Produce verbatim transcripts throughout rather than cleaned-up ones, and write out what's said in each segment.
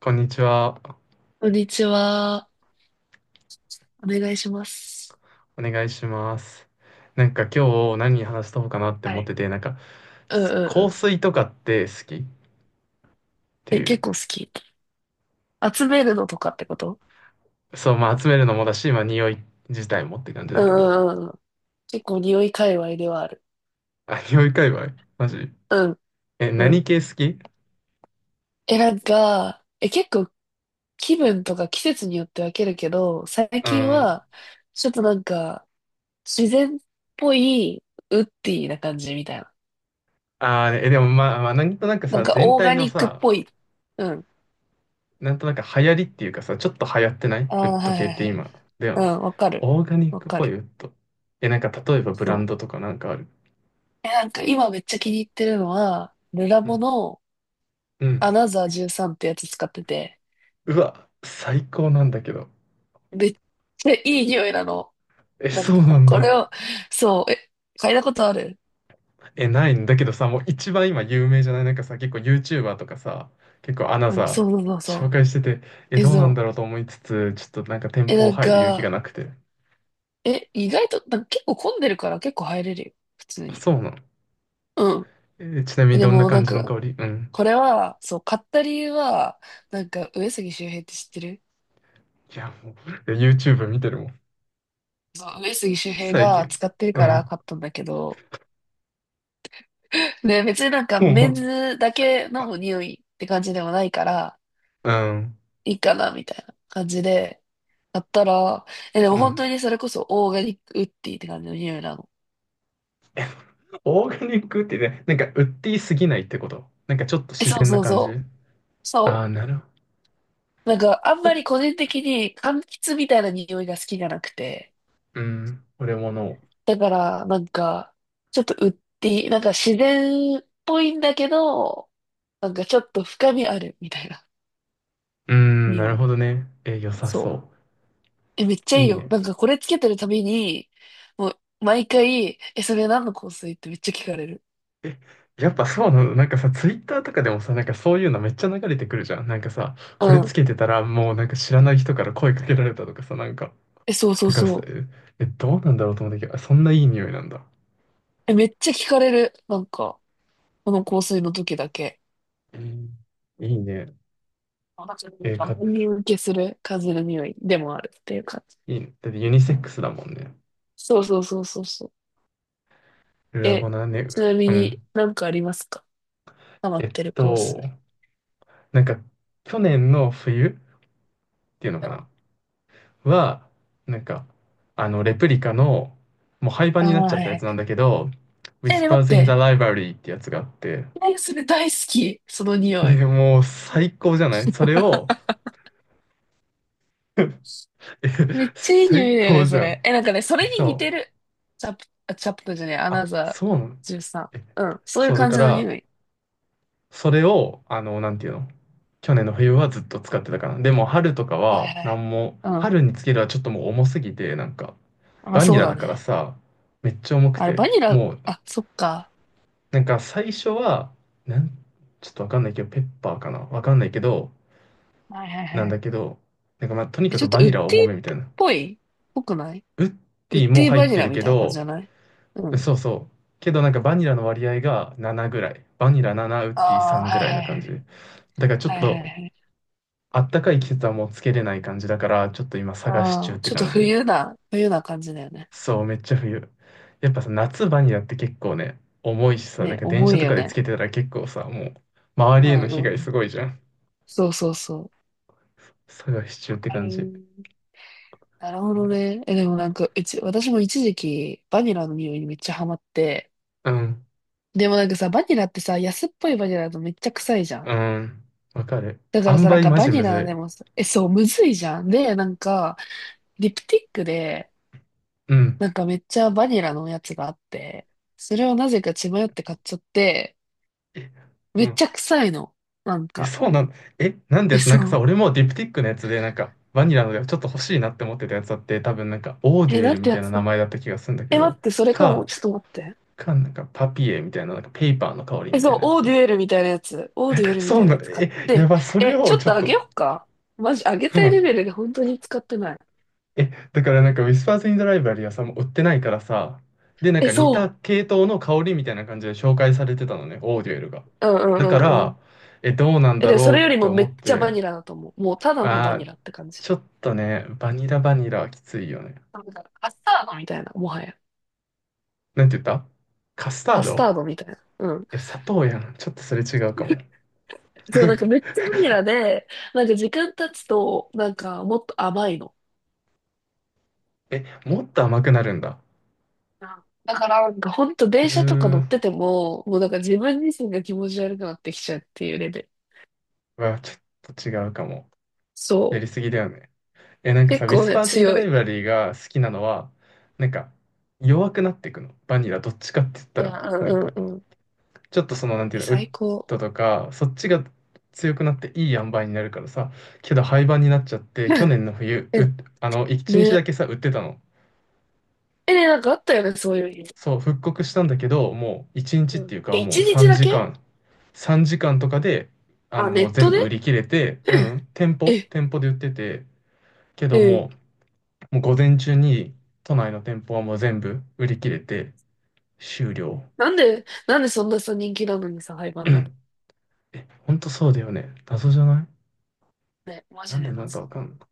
こんにちは。こんにちは。お願いします。お願いします。なんか今日何話したうかなっては思ってい。て、なんかうんうすん香うん。水とかって好きってえ、い結う。構好き。集めるのとかってこと？そう、まあ集めるのもだし、まあ匂い自体もって感じうだんうけど。んうんうん。結構匂い界隈ではある。あ、匂い界隈マジ？うんえ、う何ん。系好き？え、なんか、え、結構気分とか季節によって分けるけど、最う近ん。は、ちょっとなんか、自然っぽい、ウッディな感じみたいな。ああ、え、でもまあ、まあ、なんとなくなんさ、か、全オー体ガのニックっさ、ぽい。うん。なんとなく流行りっていうかさ、ちょっと流行ってないウああ、ッドはい系はっいてはい。今。だようね。ん、わかる。オーガニッわクっかぽいる。ウッド。え、なんか例えばブそランう。ドとかなんかある？え、なんか今めっちゃ気に入ってるのは、ルラうボん。のうアん、ナザーサーティーンってやつ使ってて、うわ、最高なんだけど。めっちゃいい匂いなの。え、なんそうなか、んこだ。れを、そう、え、嗅いだことある？え、ないんだけどさ、もう一番今有名じゃない？なんかさ、結構 YouTuber とかさ、結構アナうん、ザそうそうそうー紹そう。介してて、え、え、どうなんそだろうと思いつつ、ちょっとなんか店う。え、舗なん入る勇気がか、なくて。え、意外と、なんか結構混んでるから結構入れるよ。普通あ、に。そうなの。うん。えー、ちなみえ、にでどんなもな感んじのか、香り？うん。これは、そう、買った理由は、なんか、上杉周平って知ってる？いや、もう、いや、 YouTube 見てるもん。そう、上杉周平最が近。使ってるうからん。買ったんだけど、で、別になんかメンもズだけの匂いって感じでもないから、う、うん。いいかな、みたいな感じで、やったら、え、でもう本ん。当にそれこそオーガニックウッディって感じの匂いなの。オーガニックってね、なんか売っていすぎないってこと。なんかちょっとえ、自そう然なそう感じ。そう。あそあ、なるほう。なんかあんど。まり個人的に柑橘みたいな匂いが好きじゃなくて。うん、俺もの。を、だからなんか、ちょっとウッディ、なんか自然っぽいんだけど、なんかちょっと深みあるみたいなうーん、な匂るい。ほどね。え、良さそそう。え、めっちゃう。いいいいよ。ね。なんかこれつけてるたびに、もう毎回、え、それ何の香水ってめっちゃ聞かれる。え、やっぱそうなの？なんかさ、ツイッターとかでもさ、なんかそういうのめっちゃ流れてくるじゃん。なんかさ、うこれつん。けてたらもうなんか知らない人から声かけられたとかさ、なんか。え、そうそうだからさ、そう。え、え、どうなんだろうと思ったけど、あ、そんないい匂いなんだ。え、めっちゃ聞かれる。なんか、この香水の時だけ。えー、いいね。あなんえーかか、万人受けする風の匂いでもあるっていう感じ。いいね。だってユニセックスだもんね。そうそうそうそうそう。ルラボえ、ナね。ちなみうにん。なんかありますか？ハマっえってる香と、水。なんか、去年の冬っていうのうかな。ん。は、なんか、あの、レプリカの、もう廃盤あにあ、なっちゃっはいたはいやはつい。なんだけど、え、ね待っ Whispers in the て。Library ってやつがあって、え、それ大好き。その匂い。で、もう最高じゃない？それを、え、めっちゃいい匂最いだよ高ね、じそゃん。れ。え、なんかね、それに似そう。てる。チャプ、あ、チャプターじゃねえ、アあ、ナザーそうなの？え、サーティーン。うん、そういうそう、だ感かじの匂ら、い。それを、あの、なんていうの？去年の冬はずっと使ってたかな。でも、春とかはいは、はない。んも、うん。春につけるはちょっともう重すぎて、なんか、まあ、バニそうラだだからね。さ、めっちゃ重くあれ、て、バニラ、もう、あ、そっか。なんか最初は、なん、ちょっとわかんないけど、ペッパーかなわかんないけど、はいはいなんはい。だけど、なんかまあ、とにえ、かちくょっとバウニッデラ重めみたィいっな。ぽいっぽくない？ウッウデッィもディ入バっニてラるみけたいな感じじど、ゃない？うん。そうそう。けどなんかバニラの割合がななぐらい。バニラなな、ウあッディあ、さんぐはいらいなはいは感い。じ。だからちょっはいはいと、はい。あったかい季節はもうつけれない感じだから、ちょっと今探しあ中っあ、てちょっと感じ。冬な、冬な感じだよね。そう、めっちゃ冬。やっぱさ、夏バニラって結構ね、重いしさ、なんね、か電重車いとよかでつね。けてたら結構さ、もう、周うりへんのう被んう害ん。すごいじゃん。そうそうそう。探し中っわてか感じ。る。なるほどね。え、でもなんか、うち、私も一時期、バニラの匂いにめっちゃハマって、うん、でもなんかさ、バニラってさ、安っぽいバニラだとめっちゃ臭いじゃん。うん、わかる。だから塩さ、なん梅かマバジニむラでずもさ、え、そう、むずいじゃん。で、なんか、リプティックで、い。うん。なんかめっちゃバニラのやつがあって、それをなぜか血迷って買っちゃって、え、うめっちん。ゃ臭いの。なんえ、か、そうなん、え、なんてえ、やつ？なそんかさ、う。俺もディプティックのやつで、なんか、バニラのやつちょっと欲しいなって思ってたやつだって、多分なんか、オーデュえ、エなルんみてたやいなつ名だ。前だった気がするんだけえ、待ど、って、それかも。か、ちょっと待って。か、なんか、パピエみたいな、なんか、ペーパーの香りえ、みたそいう、なやオーデつ。ュエルみたいなやつ。オーデュエルみそたういなな、やつ買っえ、やて。ば、それえ、ちをょっちょとっあげと、よっか。マジ、あげうたいん、レベルで本当に使ってない。え、だからなんか、ウィスパーズ・イン・ザ・ライブラリーはさ、もう売ってないからさ、で、なんえ、か似たそ系統の香りみたいな感じで紹介されてたのね、オーデュエルが。う。うんうだかんうんうら、ん。え、どうなんえ、だでもそれろようりってもめっ思っちゃて、バニラだと思う。もうただのバあニー、ラって感じ。ちょっとね、バニラバニラはきついよね。なんかカスタードみたいな、もはや。なんて言った？カスターカスド？タードみたいな。うん。え、砂糖やん。ちょっとそれ違うかも。そう、なんかめっちゃバニラ で、なんか時間経つと、なんかもっと甘いの。え、もっと甘くなるんだ。うん。だからなんか本当う電ー車とか乗っん、てても、もうなんか自分自身が気持ち悪くなってきちゃうっていうレベル。うわ、ちょっと違うかも。やそう。りすぎだよね。え、なんかさ、結ウィ構スね、パーズ・イン・ザ・強ライい。ブラリーが好きなのは、なんか、弱くなっていくの。バニラ、どっちかって言ったいら、や、うなんんか、うんうん。ちょっとその、なんていえ、うの、ウッ最高。ドとか、そっちが強くなっていい塩梅になるからさ、けど廃盤になっちゃって、去 年の冬、う、え、ね。あの、一日だけさ、売ってたの。え、ね、なんかあったよね、そういう日。そう、復刻したんだけど、もう一日っうてん。いうえ、か、一もう日3だけ？時間、さんじかんとかで、あの、あ、ネもうッ全トで？部売り切れて、うん、店う舗、ん。 店舗で売ってて、けどえ、え、もう、もう午前中に都内の店舗はもう全部売り切れて終了。なんで、なんでそんなさ、人気なのにさ、廃盤なの？ え、ほんとそうだよね。謎じゃない？ね、マなジんででなんかわ謎。かんない。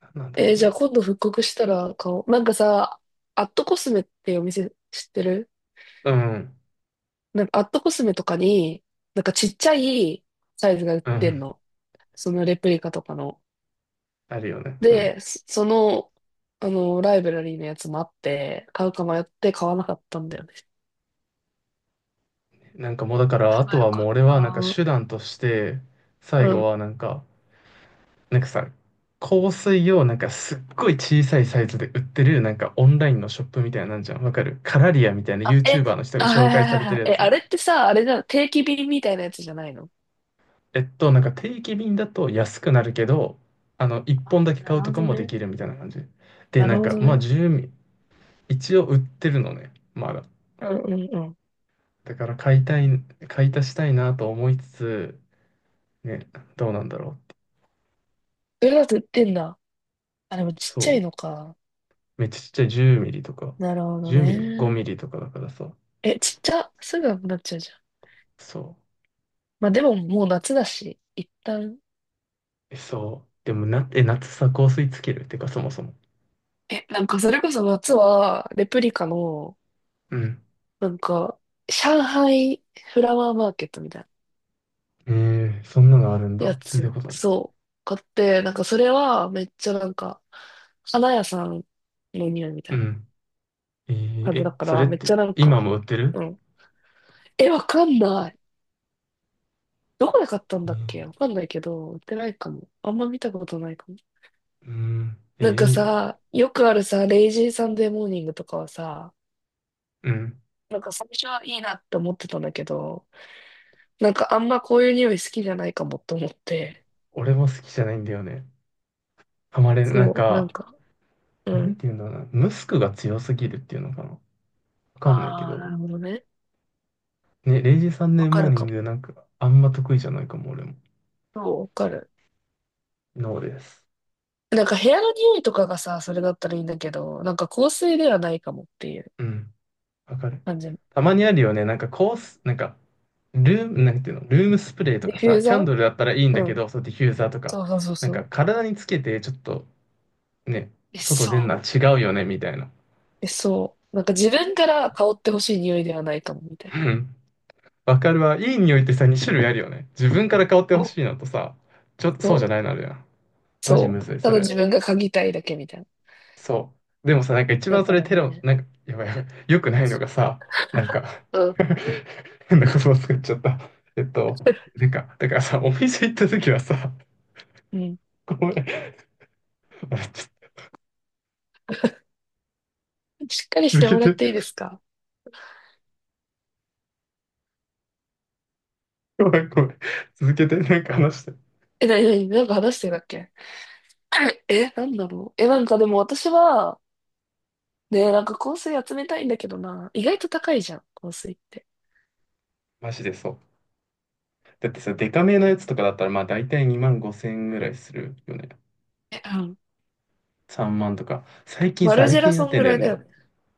なんなんだえろー、うじゃあね。今度復刻したら買おう。なんかさ、アットコスメっていうお店知ってる？うん、なんかアットコスメとかに、なんかちっちゃいサイズが売っうてんん、の。そのレプリカとかの。あるよね。うん。で、そその、あの、ライブラリーのやつもあって、買うか迷って買わなかったんだよね。なんかもうだから、買えあばとよはかもうっ俺はなんかた。手段として、最う後ん。はなんか、なんかさ、香水をなんかすっごい小さいサイズで売ってるなんかオンラインのショップみたいなのなんじゃん。わかる？カラリアみたいな あ、え、YouTuber の人があ、はい紹は介いさはいれてはい。るやえ、つ。あれってさ、あれじゃん、定期便みたいなやつじゃないの？えっと、なんか定期便だと安くなるけど、あの、いっぽんあ、だけな買うるとほかどもでね。きるみたいな感じ。で、ななるんほか、どまあ、ね。じゅうミリ、一応売ってるのね、まだ。うんうんうん。だから買いたい、買い足したいなと思いつつ、ね、どうなんだろうって。それだと売ってんだ。あ、でもちっそちゃいのか。う。めっちゃちっちゃいじゅうミリとか、なるほどじゅうミリもごミね。リとかだからさ。え、ちっちゃ、すぐなくなっちゃうじゃん。そまあでももう夏だし、一旦。う。え、そう。でもな、え、夏さ、香水つけるってか、そもそも。え、なんかそれこそ夏は、レプリカの、うん。なんか、上海フラワーマーケットみたいなえー、そんなのあるんだ。や聞いたこつ、とない。そう、買って、なんかそれはめっちゃなんか、花屋さんの匂いみたういなん。え感ー、じだえ、かそれら、っめっちて、ゃなん今か、も売ってる？うん。え、わかんない。どこで買ったんえだっけ？わー、かんないけど、売ってないかも。あんま見たことないかも。うん。なえ、んかいいね。さ、よくあるさ、レイジーサンデーモーニングとかはさ、うん。なんか最初はいいなって思ってたんだけど、なんかあんまこういう匂い好きじゃないかもって思って、俺も好きじゃないんだよね。ハマれなんそう、なんか、か、うなんん。ていうんだろうな。ムスクが強すぎるっていうのかな。わかんないけああ、など。るほどね。ね、レイジサンわデーかモーるニかンも。グなんか、あんま得意じゃないかも、俺も。そうわかる。ノーです。なんか部屋の匂いとかがさ、それだったらいいんだけど、なんか香水ではないかもっていううん。わかる。感じ。たまにあるよね。なんかコース、なんか、ルーム、なんていうの、ルームスプレーとディかフューさ、キザャンドルだったらいいんー。だうけん。ど、そう、ディフューザーとか、そうそうそうなんそかう。体につけて、ちょっとね、え、外出んのはそ違うよね、みたいな。う。え、そう。なんか自分から香ってほしい匂いではないかも、みたいな。わかるわ。いい匂いってさ、に種類あるよね。自分から香ってほそしいのとさ、ちょっとう。そそうじゃう。ないのあるやん。マジむそずい、うたそだれ。自分が嗅ぎたいだけみたいな。そう。でもさ、なんか一だ番そかれらテロ、ね。なんか、やばいやばい。よくないのがさ、なんか、 うん。変な言葉作っちゃった。えっと、なんか、だからさ、お店行った時はさ、うん。ごめん。あ、ちしっかりしょっとてもらっ続てけいいでて。すか？ごめん、ごめん。続けて、なんか話して。え、なになに？なんか話してたっけ？ え、なんだろう？え、なんかでも私は、ねえ、なんか香水集めたいんだけどな。意外と高いじゃん、香水って。マジでそう。だってさ、デカめのやつとかだったら、まあ大体にまんごせん円ぐらいするよね。え？うん。さんまんとか。最近マさ、ルあれジェ気ラになそっんてんぐだらよいだね。よね。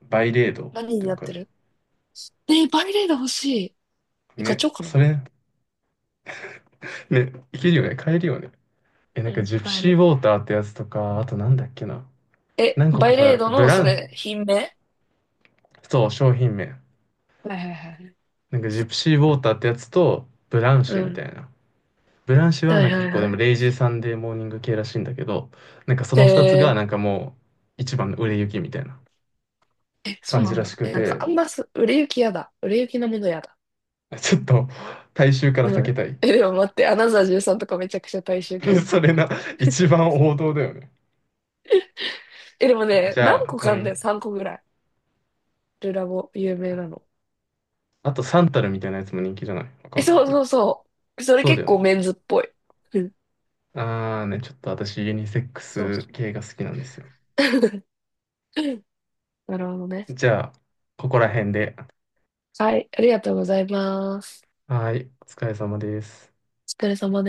バイレードっ何にてわなっかてる？る？えー、バイレード欲しい。え、買っちね、ゃおうかな。それ、ね、いけるよね、買えるよね。え、なんうかん、ジプ買えシーる。ウォーターってやつとか、あとなんだっけな。え、何個バかイレーさ、ドブの、ラそン、れ、品名？そう、商品名。はいはいはい。なんかジプシーウォーターってやつと、ブランうシュみたん。いな。ブランシュははなんいかはい結構ではもい。レイジーサンデーモーニング系らしいんだけど、なんかそのふたつがえなんかもう一番の売れ行きみたいなーえ、そう感なじんらしだ。くえ、なんかて、あんます、売れ行きやだ。売れ行きのものやだ。ちょっと大衆から避うけん。たい。え、でも待って、アナザーサーティーンとかめちゃくちゃ大衆系だ っそたれわ。な、一番王道だよね。え、でもね、じ何ゃ個あ、うかあんだよ、ん。さんこぐらい。ルラボ、有名なの。あとサンタルみたいなやつも人気じゃない？わかえ、んないそうけど。そうそう。それそうだ結よね。構メンズっぽい。うん。あーね、ちょっと私ユニセックそうスそう。系が好きなんですよ。なるほどね。じゃあ、ここら辺で。はい。ありがとうございます。はーい、お疲れ様です。お疲れ様です。